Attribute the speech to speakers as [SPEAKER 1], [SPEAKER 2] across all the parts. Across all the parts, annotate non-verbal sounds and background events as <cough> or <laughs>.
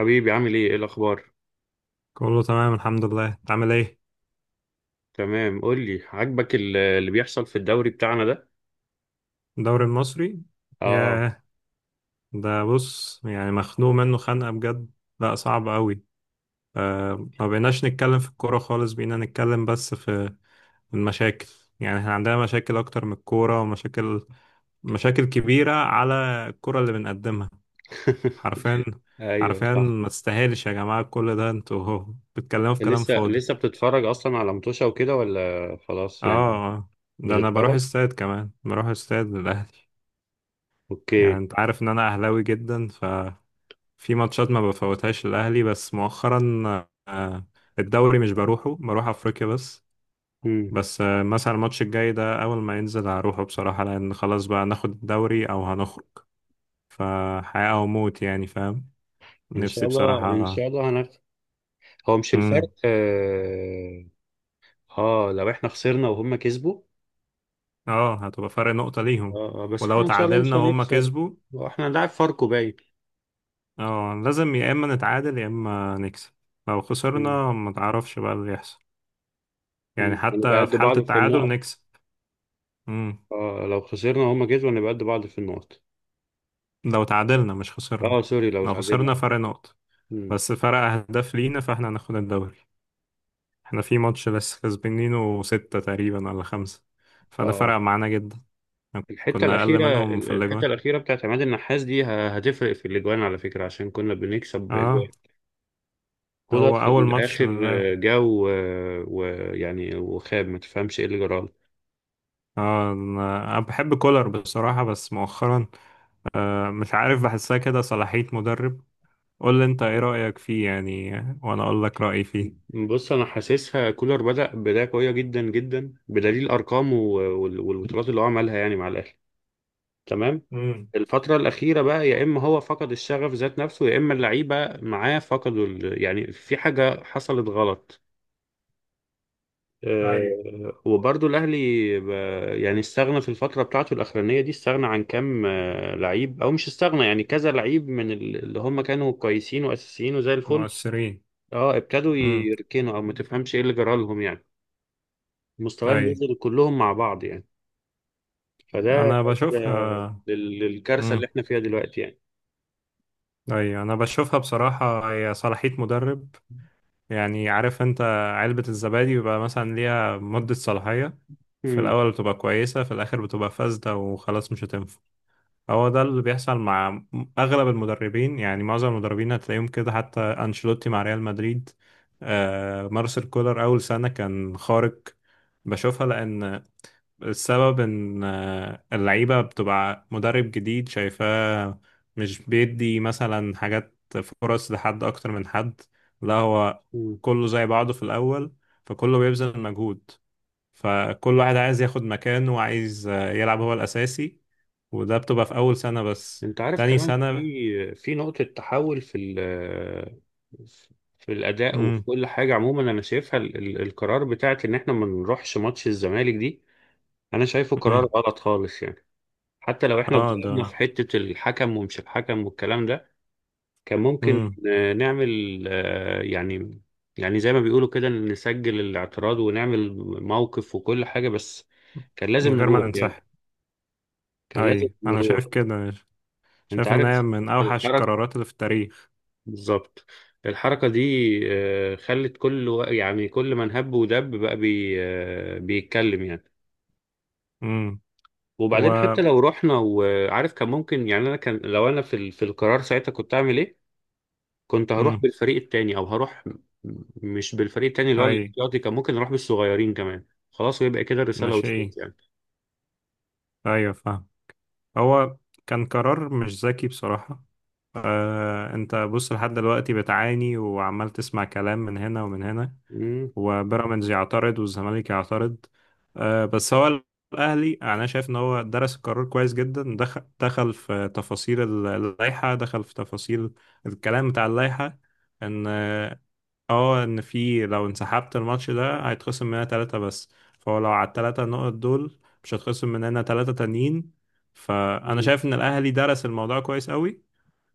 [SPEAKER 1] حبيبي، عامل ايه الاخبار؟
[SPEAKER 2] كله تمام الحمد لله. انت عامل ايه؟
[SPEAKER 1] تمام، قول لي، عاجبك اللي بيحصل في الدوري بتاعنا ده؟
[SPEAKER 2] الدوري المصري.
[SPEAKER 1] اه.
[SPEAKER 2] ياه. ده بص، يعني مخنوق منه خنقة بجد. لا صعب قوي. آه ما بقيناش نتكلم في الكورة خالص، بقينا نتكلم بس في المشاكل. يعني احنا عندنا مشاكل اكتر من الكورة، ومشاكل مشاكل كبيرة على الكورة اللي بنقدمها. حرفيا.
[SPEAKER 1] <laughs> ايوه،
[SPEAKER 2] حرفيا
[SPEAKER 1] صح.
[SPEAKER 2] ما تستاهلش يا جماعة كل ده، انتوا هو بتتكلموا في كلام
[SPEAKER 1] لسه
[SPEAKER 2] فاضي.
[SPEAKER 1] لسه بتتفرج اصلا على متوشة وكده ولا خلاص
[SPEAKER 2] اه.
[SPEAKER 1] يعني؟
[SPEAKER 2] آه. ده انا بروح
[SPEAKER 1] بتتفرج.
[SPEAKER 2] استاد كمان، بروح استاد للاهلي. يعني
[SPEAKER 1] اوكي.
[SPEAKER 2] انت عارف ان انا اهلاوي جدا. في ماتشات ما بفوتهاش الأهلي بس مؤخرا آه، الدوري مش بروحه، بروح أفريقيا بس.
[SPEAKER 1] امم.
[SPEAKER 2] بس مثلا الماتش الجاي ده أول ما ينزل هروحه بصراحة، لأن خلاص بقى ناخد الدوري أو هنخرج. فحياة أو موت يعني، فاهم
[SPEAKER 1] ان شاء
[SPEAKER 2] نفسي
[SPEAKER 1] الله، ان
[SPEAKER 2] بصراحة.
[SPEAKER 1] شاء الله هو مش
[SPEAKER 2] مم.
[SPEAKER 1] الفرق. اه, لو احنا خسرنا وهم كسبوا.
[SPEAKER 2] اه هتبقى فرق نقطة ليهم.
[SPEAKER 1] آه، آه، بس
[SPEAKER 2] ولو
[SPEAKER 1] احنا ان شاء الله مش
[SPEAKER 2] تعادلنا وهم
[SPEAKER 1] هنخسر.
[SPEAKER 2] كسبوا.
[SPEAKER 1] احنا هنلعب فاركو باين.
[SPEAKER 2] اه لازم يا إما نتعادل يا إما نكسب. لو
[SPEAKER 1] امم.
[SPEAKER 2] خسرنا ما تعرفش بقى اللي يحصل. يعني
[SPEAKER 1] هنبقى
[SPEAKER 2] حتى في
[SPEAKER 1] قد
[SPEAKER 2] حالة
[SPEAKER 1] بعض في
[SPEAKER 2] التعادل
[SPEAKER 1] النقط.
[SPEAKER 2] نكسب.
[SPEAKER 1] لو خسرنا وهم كسبوا هنبقى قد بعض في النقط.
[SPEAKER 2] لو تعادلنا مش خسرنا.
[SPEAKER 1] اه، سوري، لو
[SPEAKER 2] لو خسرنا
[SPEAKER 1] تعادلنا.
[SPEAKER 2] فرق نقط.
[SPEAKER 1] مم.
[SPEAKER 2] بس فرق أهداف لينا فاحنا هناخد الدوري. احنا في ماتش لسه كسبانينه ستة تقريبا ولا خمسة، فده
[SPEAKER 1] اه.
[SPEAKER 2] فرق معانا جدا.
[SPEAKER 1] الحته
[SPEAKER 2] كنا أقل
[SPEAKER 1] الاخيره
[SPEAKER 2] منهم في الأجوان.
[SPEAKER 1] الحته الاخيره بتاعت عماد النحاس دي هتفرق في الاجوان على فكره، عشان كنا بنكسب
[SPEAKER 2] اه.
[SPEAKER 1] جوان. كولر
[SPEAKER 2] هو
[SPEAKER 1] في
[SPEAKER 2] أول ماتش من
[SPEAKER 1] الاخر.
[SPEAKER 2] اللعب.
[SPEAKER 1] جا ويعني وخاب، ما تفهمش ايه اللي جرى له.
[SPEAKER 2] اه أنا بحب كولر بصراحة بس مؤخرا، آه مش عارف بحسها كده صلاحية مدرب. قول لي أنت إيه رأيك فيه يعني، وأنا أقول لك رأيي فيه.
[SPEAKER 1] بص، انا حاسسها كولر بدا بدايه قويه جدا جدا، بدليل ارقامه والبطولات اللي هو عملها يعني مع الاهلي. تمام.
[SPEAKER 2] امم.
[SPEAKER 1] الفترة الأخيرة بقى، يا إما هو فقد الشغف ذات نفسه، يا إما اللعيبة معاه فقدوا، يعني في حاجة حصلت غلط.
[SPEAKER 2] ايوه.
[SPEAKER 1] وبرضو الأهلي ب- يعني استغنى في الفترة بتاعته الأخرانية دي، استغنى عن كام لعيب، أو مش استغنى يعني كذا لعيب من اللي هم كانوا كويسين وأساسيين وزي الفل.
[SPEAKER 2] مؤثرين.
[SPEAKER 1] اه، ابتدوا
[SPEAKER 2] امم.
[SPEAKER 1] يركنوا أو ما تفهمش إيه اللي جرى لهم يعني. مستواهم
[SPEAKER 2] اي.
[SPEAKER 1] نزل كلهم مع بعض يعني. فده
[SPEAKER 2] انا
[SPEAKER 1] أدى
[SPEAKER 2] بشوفها.
[SPEAKER 1] للكارثة اللي
[SPEAKER 2] امم.
[SPEAKER 1] إحنا فيها دلوقتي يعني.
[SPEAKER 2] ايوه انا بشوفها بصراحه، هي صلاحيه مدرب. يعني عارف انت، علبه الزبادي بيبقى مثلا ليها مده صلاحيه. في
[SPEAKER 1] مم.
[SPEAKER 2] الاول بتبقى كويسه، في الاخر بتبقى فاسده وخلاص مش هتنفع. هو ده اللي بيحصل مع اغلب المدربين، يعني معظم المدربين هتلاقيهم كده حتى انشيلوتي مع ريال مدريد. آه مارسيل كولر اول سنه كان خارق. بشوفها لان السبب ان اللعيبة بتبقى مدرب جديد شايفاه، مش بيدي مثلا حاجات فرص لحد اكتر من حد. لا هو
[SPEAKER 1] مم.
[SPEAKER 2] كله زي بعضه في الاول، فكله بيبذل مجهود، فكل واحد عايز ياخد مكانه وعايز يلعب هو الاساسي. وده بتبقى في اول سنة بس.
[SPEAKER 1] انت عارف،
[SPEAKER 2] تاني
[SPEAKER 1] كمان
[SPEAKER 2] سنة.
[SPEAKER 1] في نقطة تحول في الأداء وفي
[SPEAKER 2] امم.
[SPEAKER 1] كل حاجة عموما، أنا شايفها القرار بتاعت إن إحنا ما نروحش ماتش الزمالك دي. أنا شايفه قرار
[SPEAKER 2] امم.
[SPEAKER 1] غلط خالص يعني. حتى لو إحنا
[SPEAKER 2] اه ده.
[SPEAKER 1] اتظلمنا في حتة الحكم، ومش الحكم والكلام ده، كان ممكن
[SPEAKER 2] امم.
[SPEAKER 1] نعمل، يعني زي ما بيقولوا كده نسجل الاعتراض ونعمل موقف وكل حاجة، بس كان
[SPEAKER 2] من
[SPEAKER 1] لازم
[SPEAKER 2] غير ما
[SPEAKER 1] نروح
[SPEAKER 2] ننسحب.
[SPEAKER 1] يعني. كان لازم
[SPEAKER 2] اي انا
[SPEAKER 1] نروح.
[SPEAKER 2] شايف كده.
[SPEAKER 1] انت
[SPEAKER 2] شايف ان
[SPEAKER 1] عارف
[SPEAKER 2] هي من اوحش
[SPEAKER 1] الحركة،
[SPEAKER 2] القرارات اللي في التاريخ.
[SPEAKER 1] بالظبط، الحركة دي خلت كل يعني كل من هب ودب بقى بي آه، بيتكلم يعني.
[SPEAKER 2] امم. و
[SPEAKER 1] وبعدين حتى لو رحنا وعارف كان ممكن يعني، انا كان لو انا في القرار ساعتها كنت اعمل ايه؟ كنت هروح
[SPEAKER 2] مم.
[SPEAKER 1] بالفريق التاني او هروح. مش بالفريق التاني اللي هو
[SPEAKER 2] اي.
[SPEAKER 1] الاحتياطي، كان ممكن اروح بالصغيرين كمان. خلاص، ويبقى كده الرسالة
[SPEAKER 2] ناشئين.
[SPEAKER 1] وصلت يعني.
[SPEAKER 2] ايوه فاهم. هو كان قرار مش ذكي بصراحة. آه انت بص لحد دلوقتي بتعاني وعمال تسمع كلام من هنا ومن هنا.
[SPEAKER 1] مم.
[SPEAKER 2] وبيراميدز يعترض والزمالك يعترض. آه بس هو الاهلي انا شايف ان هو درس القرار كويس جدا، دخل في تفاصيل اللائحة، دخل في تفاصيل الكلام بتاع اللائحة. ان اه ان في لو انسحبت الماتش ده هيتخصم مننا ثلاثة بس. فهو لو على الثلاثة نقط دول، مش هيتخصم مننا ثلاثة تانيين. فانا
[SPEAKER 1] مم.
[SPEAKER 2] شايف ان الاهلي درس الموضوع كويس قوي،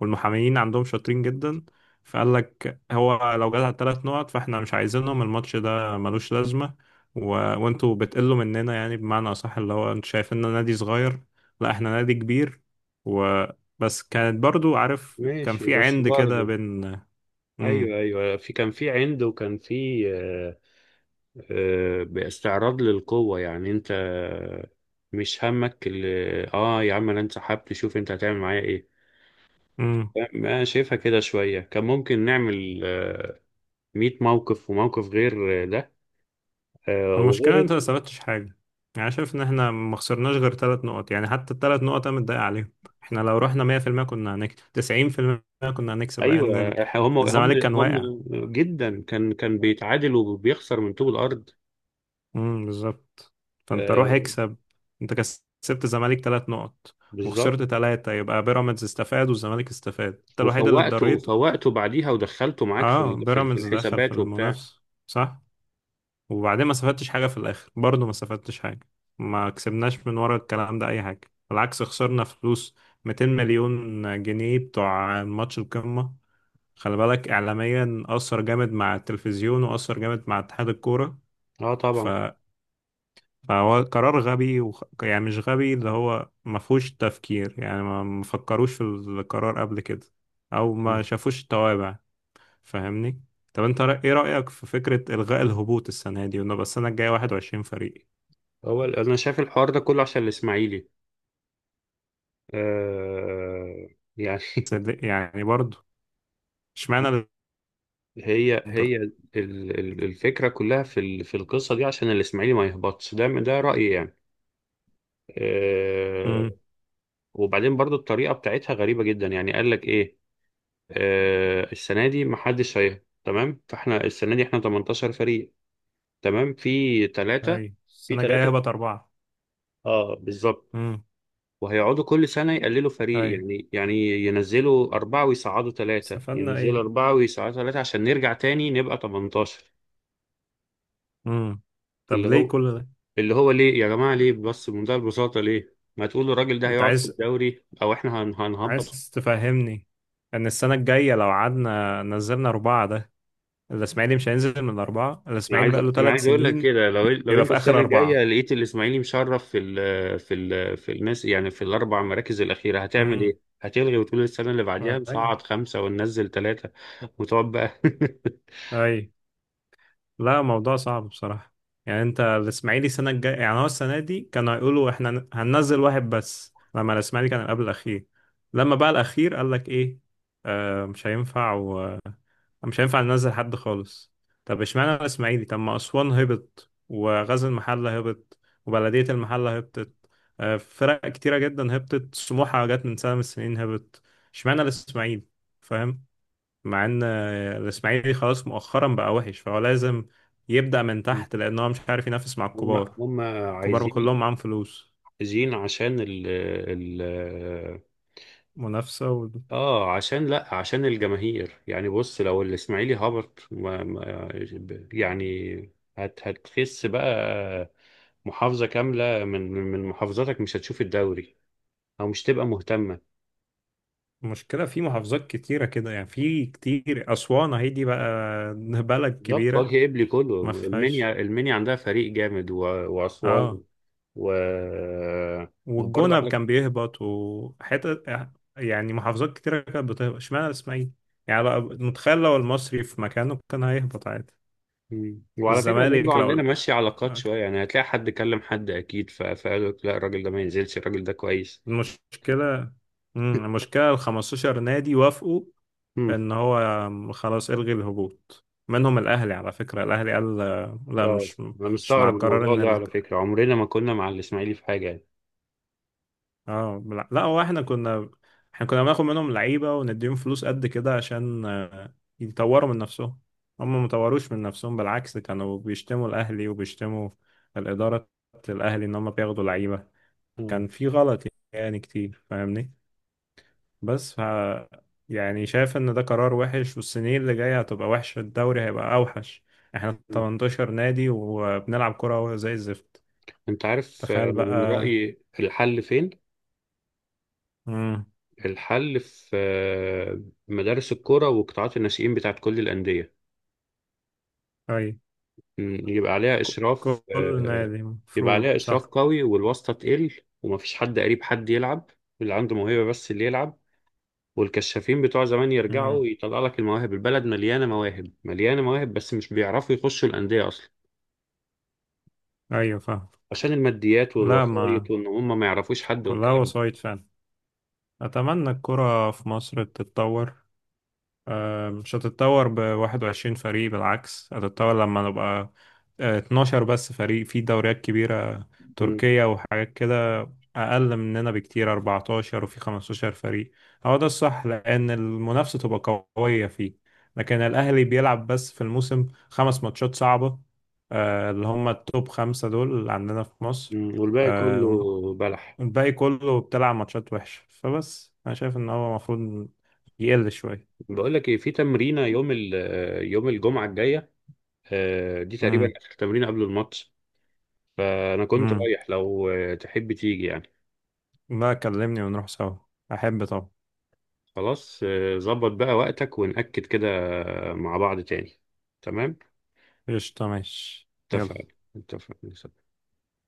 [SPEAKER 2] والمحاميين عندهم شاطرين جدا. فقال لك هو لو جات على الثلاث نقط فاحنا مش عايزينهم، الماتش ده ملوش لازمة. و... وانتوا بتقلوا مننا، يعني بمعنى اصح اللي هو انتوا شايفيننا نادي صغير، لا احنا نادي كبير. وبس كانت برضو عارف كان
[SPEAKER 1] ماشي،
[SPEAKER 2] في
[SPEAKER 1] بس
[SPEAKER 2] عند كده
[SPEAKER 1] برضه،
[SPEAKER 2] بين.
[SPEAKER 1] ايوه، ايوه، في كان في عند، وكان في باستعراض للقوة يعني، انت مش همك اللي. اه، يا عم، انا انسحبت، شوف انت هتعمل معايا ايه.
[SPEAKER 2] امم.
[SPEAKER 1] ما شايفها كده شوية، كان ممكن نعمل 100 موقف، وموقف غير ده،
[SPEAKER 2] المشكلة
[SPEAKER 1] وغير.
[SPEAKER 2] انت ما ثبتش حاجة. يعني شايف ان احنا ما خسرناش غير ثلاث نقط، يعني حتى الثلاث نقط انا متضايق عليهم. احنا لو رحنا 100% كنا هنكسب 90%. كنا هنكسب
[SPEAKER 1] ايوه،
[SPEAKER 2] لان
[SPEAKER 1] هم هم
[SPEAKER 2] الزمالك كان
[SPEAKER 1] هم
[SPEAKER 2] واقع.
[SPEAKER 1] جدا، كان بيتعادل وبيخسر من طوب الارض.
[SPEAKER 2] بالظبط. فانت روح
[SPEAKER 1] آه،
[SPEAKER 2] اكسب. انت كسبت الزمالك ثلاث نقط
[SPEAKER 1] بالظبط.
[SPEAKER 2] وخسرت ثلاثة، يبقى بيراميدز استفاد والزمالك استفاد، انت الوحيد اللي
[SPEAKER 1] وفوقته
[SPEAKER 2] اتضريت.
[SPEAKER 1] فوقته بعديها ودخلته معاك
[SPEAKER 2] اه
[SPEAKER 1] في
[SPEAKER 2] بيراميدز دخل في
[SPEAKER 1] الحسابات وبتاع.
[SPEAKER 2] المنافسة صح. وبعدين ما استفدتش حاجة في الآخر برضه، ما استفدتش حاجة. ما كسبناش من ورا الكلام ده أي حاجة، بالعكس خسرنا فلوس. 200 مليون جنيه بتوع ماتش القمة. خلي بالك إعلاميا أثر جامد مع التلفزيون وأثر جامد مع اتحاد الكورة.
[SPEAKER 1] اه،
[SPEAKER 2] ف...
[SPEAKER 1] طبعا.
[SPEAKER 2] فهو قرار غبي يعني مش غبي، اللي هو ما فيهوش تفكير، يعني ما فكروش في القرار قبل كده أو ما شافوش التوابع. فاهمني؟ طب انت ايه رأيك في فكرة إلغاء الهبوط السنة دي ونبقى السنة الجاية 21 فريق؟
[SPEAKER 1] هو انا شايف الحوار ده كله عشان الاسماعيلي. آه. يعني. <laughs>
[SPEAKER 2] صدق يعني برضه. اشمعنى اللي
[SPEAKER 1] هي
[SPEAKER 2] افضل.
[SPEAKER 1] هي الفكرة كلها في القصة دي عشان الإسماعيلي ما يهبطش، ده رأيي يعني. آه.
[SPEAKER 2] امم.
[SPEAKER 1] وبعدين برضو الطريقة بتاعتها غريبة جدا يعني، قال لك إيه؟ آه، السنة دي محدش هيهبط تمام، فاحنا السنة دي احنا 18 فريق. تمام، في ثلاثة.
[SPEAKER 2] اي
[SPEAKER 1] في
[SPEAKER 2] السنه الجايه
[SPEAKER 1] ثلاثة.
[SPEAKER 2] هبقى اربعه.
[SPEAKER 1] اه، بالظبط.
[SPEAKER 2] امم.
[SPEAKER 1] وهيقعدوا كل سنة يقللوا فريق،
[SPEAKER 2] اي.
[SPEAKER 1] يعني ينزلوا أربعة ويصعدوا ثلاثة،
[SPEAKER 2] استفدنا
[SPEAKER 1] ينزلوا
[SPEAKER 2] ايه؟
[SPEAKER 1] أربعة ويصعدوا ثلاثة، عشان نرجع تاني نبقى 18.
[SPEAKER 2] امم. طب
[SPEAKER 1] اللي
[SPEAKER 2] ليه
[SPEAKER 1] هو
[SPEAKER 2] كل ده؟
[SPEAKER 1] اللي هو ليه يا جماعة، ليه بس، بمنتهى البساطة، ليه ما تقولوا الراجل ده
[SPEAKER 2] انت
[SPEAKER 1] هيقعد في
[SPEAKER 2] عايز،
[SPEAKER 1] الدوري أو إحنا هنهبط.
[SPEAKER 2] عايز تفهمني ان السنه الجايه لو قعدنا نزلنا اربعه، ده الاسماعيلي مش هينزل من الاربعه،
[SPEAKER 1] أنا
[SPEAKER 2] الاسماعيلي
[SPEAKER 1] عايز
[SPEAKER 2] بقى له
[SPEAKER 1] أنا
[SPEAKER 2] ثلاث
[SPEAKER 1] عايز أقول لك
[SPEAKER 2] سنين
[SPEAKER 1] كده، لو
[SPEAKER 2] بيبقى
[SPEAKER 1] أنت
[SPEAKER 2] في اخر
[SPEAKER 1] السنة الجاية
[SPEAKER 2] اربعه.
[SPEAKER 1] لقيت الإسماعيلي مشرف في الناس، يعني في الأربع مراكز الأخيرة، هتعمل
[SPEAKER 2] امم.
[SPEAKER 1] إيه؟ هتلغي وتقول السنة اللي بعديها
[SPEAKER 2] اي.
[SPEAKER 1] نصعد خمسة وننزل ثلاثة، وتقعد بقى؟
[SPEAKER 2] اي. لا موضوع صعب بصراحة. يعني انت الاسماعيلي السنة الجاية، يعني هو السنة دي كانوا هيقولوا احنا هننزل واحد بس، لما الاسماعيلي كان قبل الأخير، لما بقى الأخير قال لك ايه؟ آه مش هينفع ومش هينفع ننزل حد خالص. طب اشمعنى الاسماعيلي؟ طب ما أسوان هبط وغزل المحلة هبط وبلدية المحلة هبطت، آه فرق كتيرة جدا هبطت، سموحة جت من سنة من السنين هبط. اشمعنى الاسماعيلي؟ فاهم. مع ان الاسماعيلي خلاص مؤخرا بقى وحش فهو لازم يبدأ من تحت،
[SPEAKER 1] <laughs>
[SPEAKER 2] لان هو مش عارف ينافس مع
[SPEAKER 1] هم
[SPEAKER 2] الكبار.
[SPEAKER 1] هم.
[SPEAKER 2] الكبار
[SPEAKER 1] عايزين
[SPEAKER 2] كلهم معاهم فلوس.
[SPEAKER 1] عايزين عشان ال
[SPEAKER 2] منافسة.
[SPEAKER 1] اه عشان لا عشان الجماهير يعني. بص، لو الاسماعيلي هبط، ما يعني، هتخس بقى. محافظة كاملة من محافظاتك مش هتشوف الدوري، او مش تبقى مهتمة.
[SPEAKER 2] والمشكلة في محافظات كتيرة كده، يعني في كتير، أسوان اهي دي بقى <laughs> بلد
[SPEAKER 1] بالظبط،
[SPEAKER 2] كبيرة.
[SPEAKER 1] وجه قبلي
[SPEAKER 2] ما
[SPEAKER 1] كله، المنيا،
[SPEAKER 2] فيهاش.
[SPEAKER 1] المنيا عندها فريق جامد واسوان
[SPEAKER 2] اه.
[SPEAKER 1] و وبرضه
[SPEAKER 2] والجونة
[SPEAKER 1] عندك.
[SPEAKER 2] كان بيهبط وحتة، يعني محافظات كتيرة كانت بتهبط، اشمعنى الاسماعيلي. يعني بقى متخيل لو المصري في مكانه كان هيهبط عادي.
[SPEAKER 1] مم. وعلى فكرة برضو،
[SPEAKER 2] الزمالك لو،
[SPEAKER 1] عندنا
[SPEAKER 2] لا
[SPEAKER 1] ماشية علاقات شوية يعني، هتلاقي حد كلم حد أكيد، فقال لك لا، الراجل ده ما ينزلش، الراجل ده كويس.
[SPEAKER 2] المشكلة، مم، المشكلة ال 15 نادي وافقوا
[SPEAKER 1] مم.
[SPEAKER 2] ان هو خلاص الغي الهبوط منهم، الاهلي على فكرة الاهلي قال لا
[SPEAKER 1] اه، أنا
[SPEAKER 2] مش مع
[SPEAKER 1] مستغرب
[SPEAKER 2] القرار
[SPEAKER 1] الموضوع
[SPEAKER 2] ان
[SPEAKER 1] ده على فكرة، عمرنا ما كنا مع الإسماعيلي في حاجة يعني.
[SPEAKER 2] اه لا لا، هو احنا كنا، بناخد منهم لعيبة ونديهم فلوس قد كده عشان يطوروا من نفسهم. هم ما طوروش من نفسهم، بالعكس كانوا بيشتموا الاهلي وبيشتموا الإدارة، الاهلي ان هم بياخدوا لعيبة.
[SPEAKER 1] مم.
[SPEAKER 2] كان في غلط يعني كتير، فاهمني. بس يعني شايف ان ده قرار وحش والسنين اللي جاية هتبقى وحشة، الدوري هيبقى اوحش. احنا
[SPEAKER 1] مم.
[SPEAKER 2] 18 نادي وبنلعب كرة زي الزفت.
[SPEAKER 1] أنت عارف،
[SPEAKER 2] تخيل بقى.
[SPEAKER 1] من رأيي الحل فين؟
[SPEAKER 2] امم.
[SPEAKER 1] الحل في مدارس الكرة وقطاعات الناشئين بتاعت كل الأندية.
[SPEAKER 2] اي.
[SPEAKER 1] مم.
[SPEAKER 2] كل نادي
[SPEAKER 1] يبقى
[SPEAKER 2] مفروض
[SPEAKER 1] عليها إشراف
[SPEAKER 2] صح.
[SPEAKER 1] قوي، والواسطة تقل، ومفيش حد قريب حد يلعب، اللي عنده موهبة بس اللي يلعب. والكشافين بتوع زمان يرجعوا،
[SPEAKER 2] امم.
[SPEAKER 1] يطلع لك المواهب، البلد مليانة مواهب مليانة مواهب، بس مش بيعرفوا يخشوا الأندية أصلا،
[SPEAKER 2] ايوه فاهم.
[SPEAKER 1] عشان الماديات
[SPEAKER 2] لا ما
[SPEAKER 1] والوسائط وإن هم ما يعرفوش حد
[SPEAKER 2] كلها
[SPEAKER 1] والكلام ده.
[SPEAKER 2] وسايط فعلا. اتمنى الكرة في مصر تتطور. مش هتتطور ب 21 فريق، بالعكس هتتطور لما نبقى 12 بس فريق. في دوريات كبيرة،
[SPEAKER 1] مم.
[SPEAKER 2] تركيا وحاجات كده، أقل مننا بكتير 14 وفي 15 فريق. هو ده الصح لأن المنافسة تبقى قوية فيه. لكن الأهلي بيلعب بس في الموسم خمس ماتشات صعبة، اللي هم التوب خمسة دول اللي عندنا في مصر.
[SPEAKER 1] مم. والباقي كله
[SPEAKER 2] آه،
[SPEAKER 1] بلح.
[SPEAKER 2] الباقي كله بتلعب ماتشات وحشة، فبس أنا شايف إن هو المفروض يقل شوية.
[SPEAKER 1] بقول لك إيه، في تمرينة يوم الجمعة الجاية، دي تقريبا آخر تمرينة قبل الماتش. فأنا كنت
[SPEAKER 2] امم.
[SPEAKER 1] رايح، لو تحب تيجي يعني.
[SPEAKER 2] لا كلمني ونروح سوا، احب طبعا.
[SPEAKER 1] خلاص، ظبط بقى وقتك ونأكد كده مع بعض تاني. تمام.
[SPEAKER 2] قشطة ماشي يلا
[SPEAKER 1] اتفقنا. اتفقنا.